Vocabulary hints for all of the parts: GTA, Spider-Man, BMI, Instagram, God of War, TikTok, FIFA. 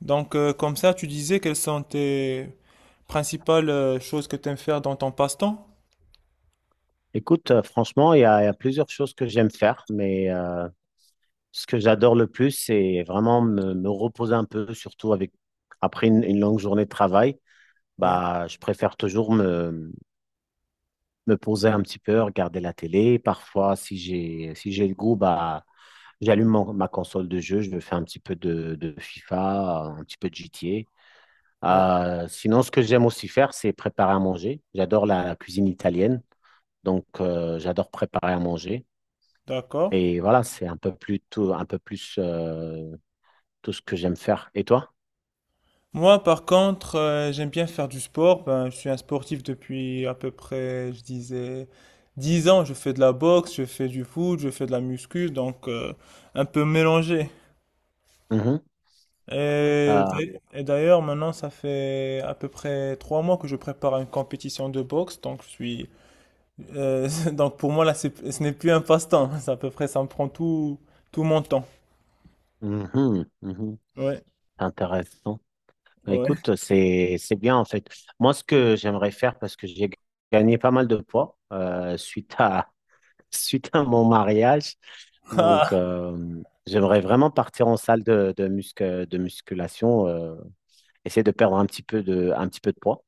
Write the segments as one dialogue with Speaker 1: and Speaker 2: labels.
Speaker 1: Comme ça, tu disais quelles sont tes principales choses que tu aimes faire dans ton passe-temps?
Speaker 2: Écoute, franchement, il y a plusieurs choses que j'aime faire, mais ce que j'adore le plus, c'est vraiment me reposer un peu, surtout avec après une longue journée de travail.
Speaker 1: Ouais,
Speaker 2: Bah, je préfère toujours me poser un petit peu, regarder la télé. Parfois, si j'ai le goût, bah, j'allume ma console de jeu, je me fais un petit peu de FIFA, un petit peu de
Speaker 1: ouais,
Speaker 2: GTA. Sinon, ce que j'aime aussi faire, c'est préparer à manger. J'adore la cuisine italienne, donc j'adore préparer à manger.
Speaker 1: d'accord.
Speaker 2: Et voilà, c'est un peu plus tout, un peu plus tout ce que j'aime faire. Et toi?
Speaker 1: Moi, par contre, j'aime bien faire du sport. Ben, je suis un sportif depuis à peu près, je disais, 10 ans. Je fais de la boxe, je fais du foot, je fais de la muscu, donc un peu mélangé.
Speaker 2: Mhm.
Speaker 1: Et,
Speaker 2: Ah,
Speaker 1: et d'ailleurs, maintenant, ça fait à peu près 3 mois que je prépare une compétition de boxe, donc pour moi là, ce n'est plus un passe-temps. C'est à peu près, ça me prend tout mon temps.
Speaker 2: mhm, mhm.
Speaker 1: Ouais,
Speaker 2: Intéressant. Bah,
Speaker 1: ouais.
Speaker 2: écoute, c'est bien en fait. Moi, ce que j'aimerais faire, parce que j'ai gagné pas mal de poids suite à mon mariage. Donc,
Speaker 1: Ah,
Speaker 2: j'aimerais vraiment partir en salle de musculation, essayer de perdre un petit peu de poids.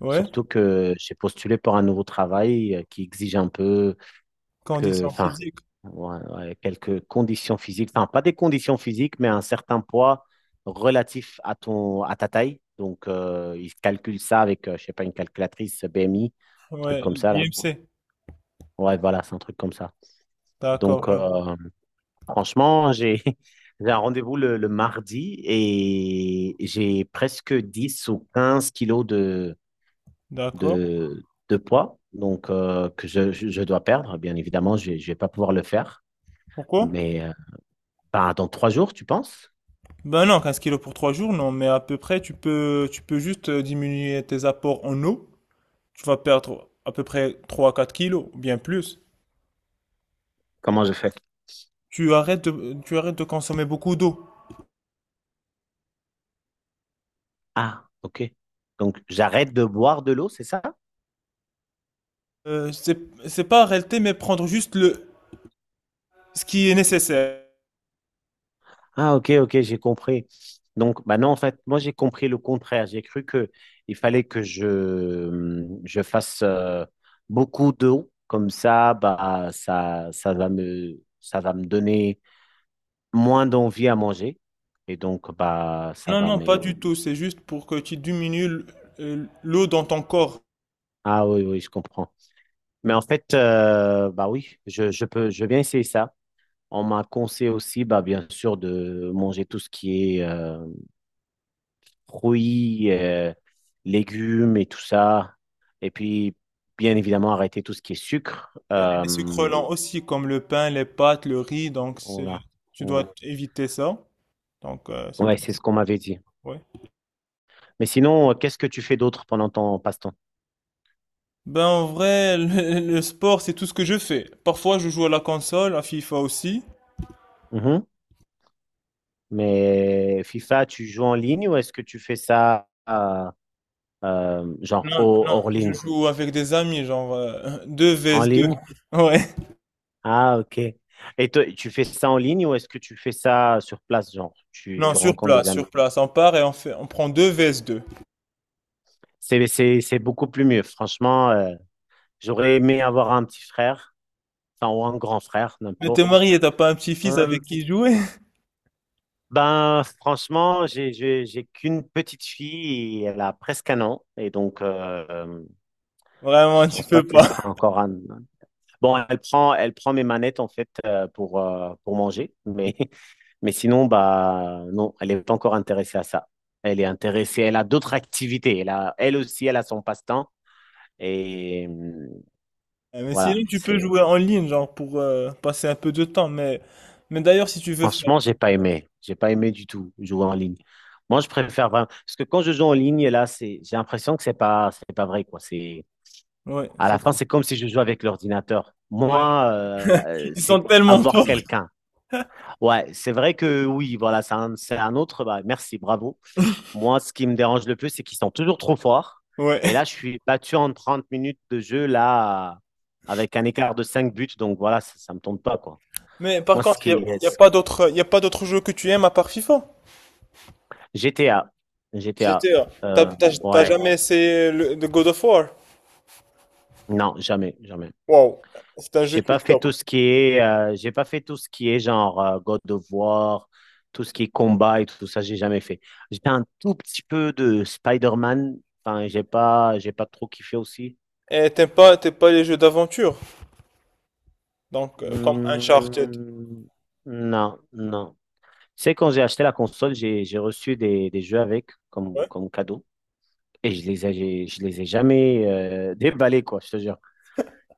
Speaker 1: ouais.
Speaker 2: Surtout que j'ai postulé pour un nouveau travail qui exige un peu
Speaker 1: Condition
Speaker 2: enfin,
Speaker 1: physique.
Speaker 2: ouais, ouais, quelques conditions physiques, enfin, pas des conditions physiques, mais un certain poids relatif à à ta taille. Donc, ils calculent ça avec, je sais pas, une calculatrice BMI, un truc
Speaker 1: Ouais,
Speaker 2: comme ça, là.
Speaker 1: IMC.
Speaker 2: Ouais, voilà, c'est un truc comme ça.
Speaker 1: D'accord,
Speaker 2: Donc,
Speaker 1: je-
Speaker 2: franchement, j'ai j'ai un rendez-vous le mardi et j'ai presque 10 ou 15 kilos de,
Speaker 1: d'accord.
Speaker 2: de, de poids donc que je dois perdre. Bien évidemment, je ne vais pas pouvoir le faire.
Speaker 1: Pourquoi?
Speaker 2: Mais ben, dans 3 jours, tu penses?
Speaker 1: Ben non, 15 kilos pour 3 jours, non. Mais à peu près, tu peux juste diminuer tes apports en eau. Tu vas perdre à peu près 3 à 4 kilos, bien plus.
Speaker 2: Comment je fais?
Speaker 1: Tu arrêtes de consommer beaucoup d'eau.
Speaker 2: Ah, ok. Donc, j'arrête de boire de l'eau, c'est ça?
Speaker 1: Euh, c'est, c'est pas arrêter, mais prendre juste ce qui est nécessaire.
Speaker 2: Ah, ok, ok, j'ai compris. Donc, bah non, en fait, moi, j'ai compris le contraire. J'ai cru que il fallait que je fasse beaucoup d'eau. Comme ça, bah, ça va me donner moins d'envie à manger. Et donc, bah, ça
Speaker 1: Non,
Speaker 2: va
Speaker 1: non,
Speaker 2: me.
Speaker 1: pas du tout. C'est juste pour que tu diminues l'eau dans ton corps.
Speaker 2: Ah oui, oui, je comprends. Mais en fait, bah oui, je viens essayer ça. On m'a conseillé aussi, bah, bien sûr, de manger tout ce qui est fruits, légumes et tout ça. Et puis, bien évidemment, arrêter tout ce qui est sucre.
Speaker 1: Et les sucres
Speaker 2: Euh,
Speaker 1: lents aussi, comme le pain, les pâtes, le riz.
Speaker 2: voilà.
Speaker 1: Tu
Speaker 2: Ouais,
Speaker 1: dois éviter ça. C'est
Speaker 2: ouais,
Speaker 1: pour
Speaker 2: c'est
Speaker 1: ça.
Speaker 2: ce qu'on m'avait dit.
Speaker 1: Ouais.
Speaker 2: Mais sinon, qu'est-ce que tu fais d'autre pendant ton passe-temps?
Speaker 1: Ben, en vrai, le sport, c'est tout ce que je fais. Parfois, je joue à la console, à FIFA aussi.
Speaker 2: Mhm. Mais FIFA, tu joues en ligne ou est-ce que tu fais ça genre
Speaker 1: Non, non,
Speaker 2: hors
Speaker 1: je
Speaker 2: ligne?
Speaker 1: joue avec des amis, 2
Speaker 2: En
Speaker 1: vs 2.
Speaker 2: ligne?
Speaker 1: Ouais.
Speaker 2: Ah, ok. Et toi, tu fais ça en ligne ou est-ce que tu fais ça sur place, genre tu,
Speaker 1: Non,
Speaker 2: tu
Speaker 1: sur
Speaker 2: rencontres des
Speaker 1: place,
Speaker 2: amis?
Speaker 1: sur place. On part et on fait, on prend 2 vs 2.
Speaker 2: C'est beaucoup plus mieux. Franchement, j'aurais aimé avoir un petit frère, enfin, ou un grand frère,
Speaker 1: Mais t'es
Speaker 2: n'importe.
Speaker 1: marié, t'as pas un petit-fils
Speaker 2: Euh,
Speaker 1: avec qui jouer?
Speaker 2: ben, franchement, j'ai qu'une petite fille et elle a presque 1 an. Et donc, je
Speaker 1: Vraiment, tu
Speaker 2: pense pas
Speaker 1: peux
Speaker 2: qu'elle sera
Speaker 1: pas.
Speaker 2: encore un. Bon, elle prend mes manettes, en fait, pour manger. Mais, mais sinon, bah, non, elle est pas encore intéressée à ça. Elle est intéressée, elle a d'autres activités. Elle a, elle aussi, elle a son passe-temps. Et
Speaker 1: Eh, mais
Speaker 2: voilà,
Speaker 1: sinon, tu peux
Speaker 2: c'est.
Speaker 1: jouer en ligne, genre, pour passer un peu de temps. Mais d'ailleurs, si tu veux faire.
Speaker 2: Franchement, j'ai pas aimé. J'ai pas aimé du tout jouer en ligne. Moi, je préfère vraiment. Parce que quand je joue en ligne, là, j'ai l'impression que c'est pas vrai, quoi. C'est,
Speaker 1: Ouais,
Speaker 2: à
Speaker 1: c'est
Speaker 2: la fin,
Speaker 1: tout.
Speaker 2: c'est comme si je jouais avec l'ordinateur.
Speaker 1: Ouais.
Speaker 2: Moi,
Speaker 1: Ils
Speaker 2: c'est
Speaker 1: sont tellement
Speaker 2: avoir
Speaker 1: forts.
Speaker 2: quelqu'un. Ouais, c'est vrai que oui, voilà, c'est un autre. Bah, merci, bravo. Moi, ce qui me dérange le plus, c'est qu'ils sont toujours trop forts.
Speaker 1: Ouais.
Speaker 2: Et là, je suis battu en 30 minutes de jeu, là, avec un écart de 5 buts. Donc voilà, ça me tombe pas, quoi.
Speaker 1: Mais par
Speaker 2: Moi, ce
Speaker 1: contre,
Speaker 2: qui,
Speaker 1: y a pas d'autres, y a pas d'autres jeux que tu aimes à part FIFA.
Speaker 2: GTA. GTA.
Speaker 1: GTA.
Speaker 2: Euh,
Speaker 1: T'as
Speaker 2: ouais.
Speaker 1: jamais essayé le God of War?
Speaker 2: Non, jamais, jamais.
Speaker 1: Wow. C'est un jeu
Speaker 2: J'ai
Speaker 1: qui
Speaker 2: pas
Speaker 1: est
Speaker 2: fait
Speaker 1: top.
Speaker 2: tout ce qui est, j'ai pas fait tout ce qui est genre God of War, tout ce qui est combat et tout ça, j'ai jamais fait. J'ai fait un tout petit peu de Spider-Man. Enfin, j'ai pas trop kiffé aussi.
Speaker 1: Et t'aimes pas les jeux d'aventure. Comme Uncharted.
Speaker 2: Hmm, non, non. Tu sais, quand j'ai acheté la console, j'ai reçu des jeux avec comme,
Speaker 1: Ouais.
Speaker 2: comme cadeau et je les ai jamais déballés, quoi, je te jure.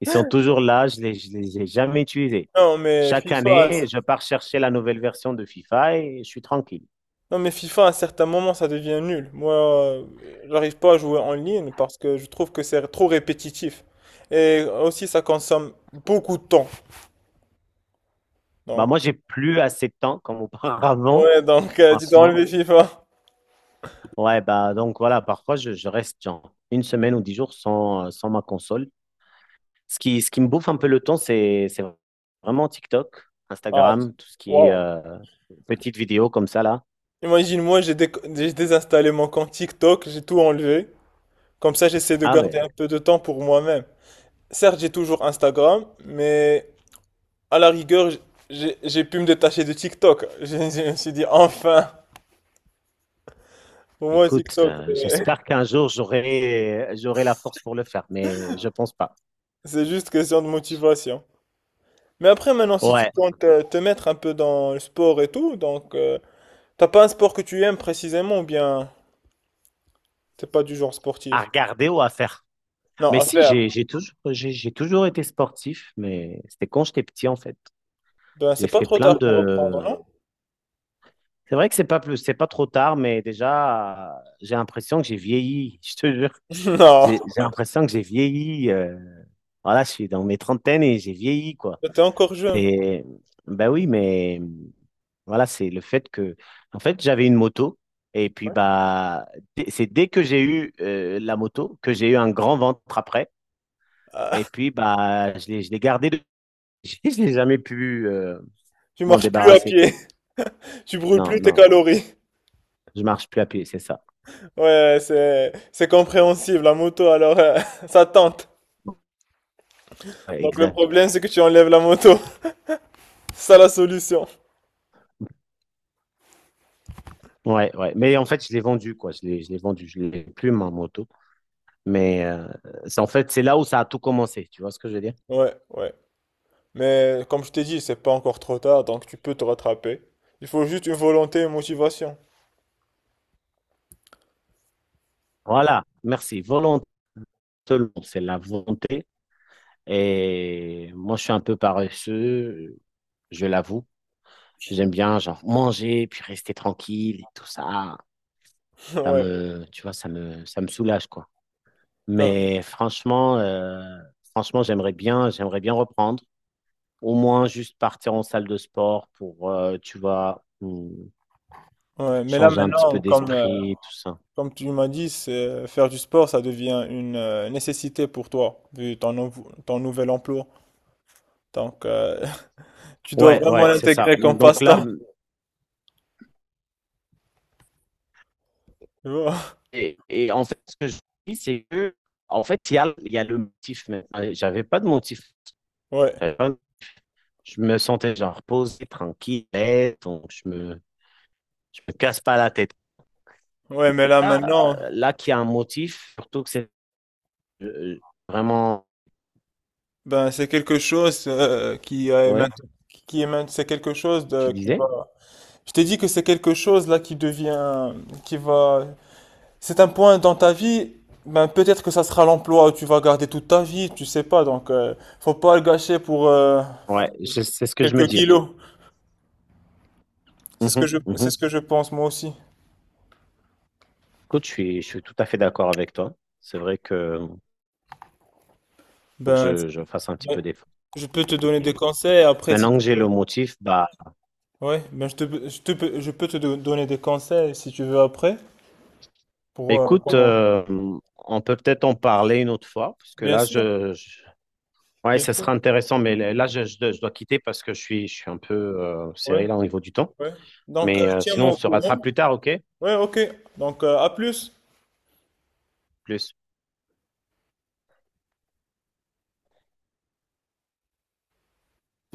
Speaker 2: Ils sont toujours là, je les ai jamais utilisés.
Speaker 1: Non mais
Speaker 2: Chaque
Speaker 1: FIFA, à-
Speaker 2: année, je pars chercher la nouvelle version de FIFA et je suis tranquille.
Speaker 1: non mais FIFA à certains moments ça devient nul. Moi, j'arrive pas à jouer en ligne parce que je trouve que c'est trop répétitif. Et aussi ça consomme beaucoup de temps.
Speaker 2: Bah
Speaker 1: Donc
Speaker 2: moi, j'ai plus assez de temps comme auparavant,
Speaker 1: ouais, donc tu t'es
Speaker 2: franchement.
Speaker 1: enlevé FIFA.
Speaker 2: Ouais, bah donc voilà, parfois je reste genre une semaine ou 10 jours sans ma console. Ce qui me bouffe un peu le temps, c'est vraiment TikTok,
Speaker 1: Ah,
Speaker 2: Instagram, tout ce qui est
Speaker 1: waouh.
Speaker 2: petites vidéos comme ça là.
Speaker 1: Imagine moi j'ai désinstallé mon compte TikTok, j'ai tout enlevé. Comme ça j'essaie de
Speaker 2: Ah
Speaker 1: garder
Speaker 2: ben
Speaker 1: un peu de temps pour moi-même. Certes, j'ai toujours Instagram, mais à la rigueur, j'ai pu me détacher de TikTok. Je me suis dit enfin, pour moi
Speaker 2: écoute,
Speaker 1: TikTok c'est...
Speaker 2: j'espère qu'un jour j'aurai la force pour le faire, mais je pense pas.
Speaker 1: C'est juste question de motivation. Mais après, maintenant, si tu
Speaker 2: Ouais.
Speaker 1: comptes te mettre un peu dans le sport et tout, t'as pas un sport que tu aimes précisément ou bien t'es pas du genre
Speaker 2: À
Speaker 1: sportif?
Speaker 2: regarder ou à faire.
Speaker 1: Non,
Speaker 2: Mais
Speaker 1: à
Speaker 2: si,
Speaker 1: faire.
Speaker 2: j'ai toujours été sportif, mais c'était quand j'étais petit, en fait.
Speaker 1: Ben, c'est
Speaker 2: J'ai
Speaker 1: pas
Speaker 2: fait
Speaker 1: trop
Speaker 2: plein
Speaker 1: tard pour reprendre,
Speaker 2: de.
Speaker 1: non?
Speaker 2: C'est vrai que c'est pas trop tard, mais déjà, j'ai l'impression que j'ai vieilli, je te jure.
Speaker 1: Non,
Speaker 2: J'ai l'impression que j'ai vieilli. Voilà, je suis dans mes trentaines et j'ai vieilli, quoi.
Speaker 1: ben, t'es encore jeune.
Speaker 2: C'est, ben oui, mais voilà, c'est le fait que, en fait, j'avais une moto. Et puis, bah, c'est dès que j'ai eu la moto que j'ai eu un grand ventre après. Et
Speaker 1: Ah,
Speaker 2: puis, bah, je l'ai gardé. Je l'ai jamais pu
Speaker 1: tu
Speaker 2: m'en
Speaker 1: marches plus à
Speaker 2: débarrasser.
Speaker 1: pied, tu brûles
Speaker 2: Non,
Speaker 1: plus tes
Speaker 2: non,
Speaker 1: calories.
Speaker 2: je marche plus à pied, c'est ça.
Speaker 1: Ouais, c'est compréhensible, la moto, alors ça tente.
Speaker 2: Ouais,
Speaker 1: Donc le
Speaker 2: exact.
Speaker 1: problème, c'est que tu enlèves la moto. C'est ça la solution.
Speaker 2: Ouais, ouais. Mais en fait, je l'ai vendu, quoi. Je l'ai vendu. Je l'ai plus, ma moto. Mais c'est, en fait, c'est là où ça a tout commencé. Tu vois ce que je veux dire?
Speaker 1: Ouais, ouais. Mais comme je t'ai dit, c'est pas encore trop tard, donc tu peux te rattraper. Il faut juste une volonté et une motivation.
Speaker 2: Voilà. Merci. Volonté, c'est la volonté. Et moi, je suis un peu paresseux, je l'avoue. J'aime bien, genre, manger, puis rester tranquille et tout ça. Ça
Speaker 1: Ouais.
Speaker 2: me, tu vois, ça me soulage, quoi.
Speaker 1: Non.
Speaker 2: Mais franchement, j'aimerais bien reprendre. Au moins juste partir en salle de sport pour, tu vois,
Speaker 1: Ouais. Mais là
Speaker 2: changer un petit peu
Speaker 1: maintenant,
Speaker 2: d'esprit, tout ça.
Speaker 1: comme tu m'as dit, faire du sport, ça devient une nécessité pour toi, vu ton nouvel emploi. Donc euh, tu dois
Speaker 2: Ouais,
Speaker 1: vraiment
Speaker 2: ouais, c'est ça.
Speaker 1: l'intégrer comme
Speaker 2: Donc là,
Speaker 1: passe-temps. Tu vois.
Speaker 2: et en fait, ce que je dis, c'est que, en fait, il y a le motif. Mais j'avais pas de motif.
Speaker 1: Ouais.
Speaker 2: J'avais pas- Je me sentais genre posé, tranquille, à l'aise, donc je me casse pas la tête.
Speaker 1: Ouais, mais là
Speaker 2: Là, euh,
Speaker 1: maintenant,
Speaker 2: là qu'il y a un motif, surtout que c'est euh, vraiment,
Speaker 1: ben c'est quelque chose qui est
Speaker 2: ouais,
Speaker 1: maintenant. C'est quelque chose
Speaker 2: tu
Speaker 1: de, qui va.
Speaker 2: disais?
Speaker 1: Je t'ai dit que c'est quelque chose là qui devient, qui va. C'est un point dans ta vie, ben peut-être que ça sera l'emploi où tu vas garder toute ta vie, tu sais pas, faut pas le gâcher pour
Speaker 2: Ouais, c'est ce que je me
Speaker 1: quelques
Speaker 2: dis.
Speaker 1: kilos.
Speaker 2: Mhm,
Speaker 1: C'est
Speaker 2: mhm.
Speaker 1: ce que je pense moi aussi.
Speaker 2: Écoute, je suis tout à fait d'accord avec toi. C'est vrai que faut que
Speaker 1: Ben,
Speaker 2: je fasse un petit
Speaker 1: ben,
Speaker 2: peu d'effort.
Speaker 1: je peux te donner des
Speaker 2: Et
Speaker 1: conseils après si
Speaker 2: maintenant
Speaker 1: tu
Speaker 2: que j'ai
Speaker 1: veux.
Speaker 2: le motif, bah,
Speaker 1: Ouais, je peux donner des conseils si tu veux après pour
Speaker 2: écoute,
Speaker 1: comment.
Speaker 2: on peut-être en parler une autre fois, parce que
Speaker 1: Bien
Speaker 2: là,
Speaker 1: sûr,
Speaker 2: ouais,
Speaker 1: bien
Speaker 2: ça sera
Speaker 1: sûr.
Speaker 2: intéressant, mais là, je dois quitter parce que je suis un peu
Speaker 1: Ouais,
Speaker 2: serré là au niveau du temps.
Speaker 1: ouais. Donc
Speaker 2: Mais sinon,
Speaker 1: tiens-moi
Speaker 2: on
Speaker 1: au
Speaker 2: se rattrape
Speaker 1: courant.
Speaker 2: plus tard, ok?
Speaker 1: Ouais, ok. Donc à plus.
Speaker 2: Plus.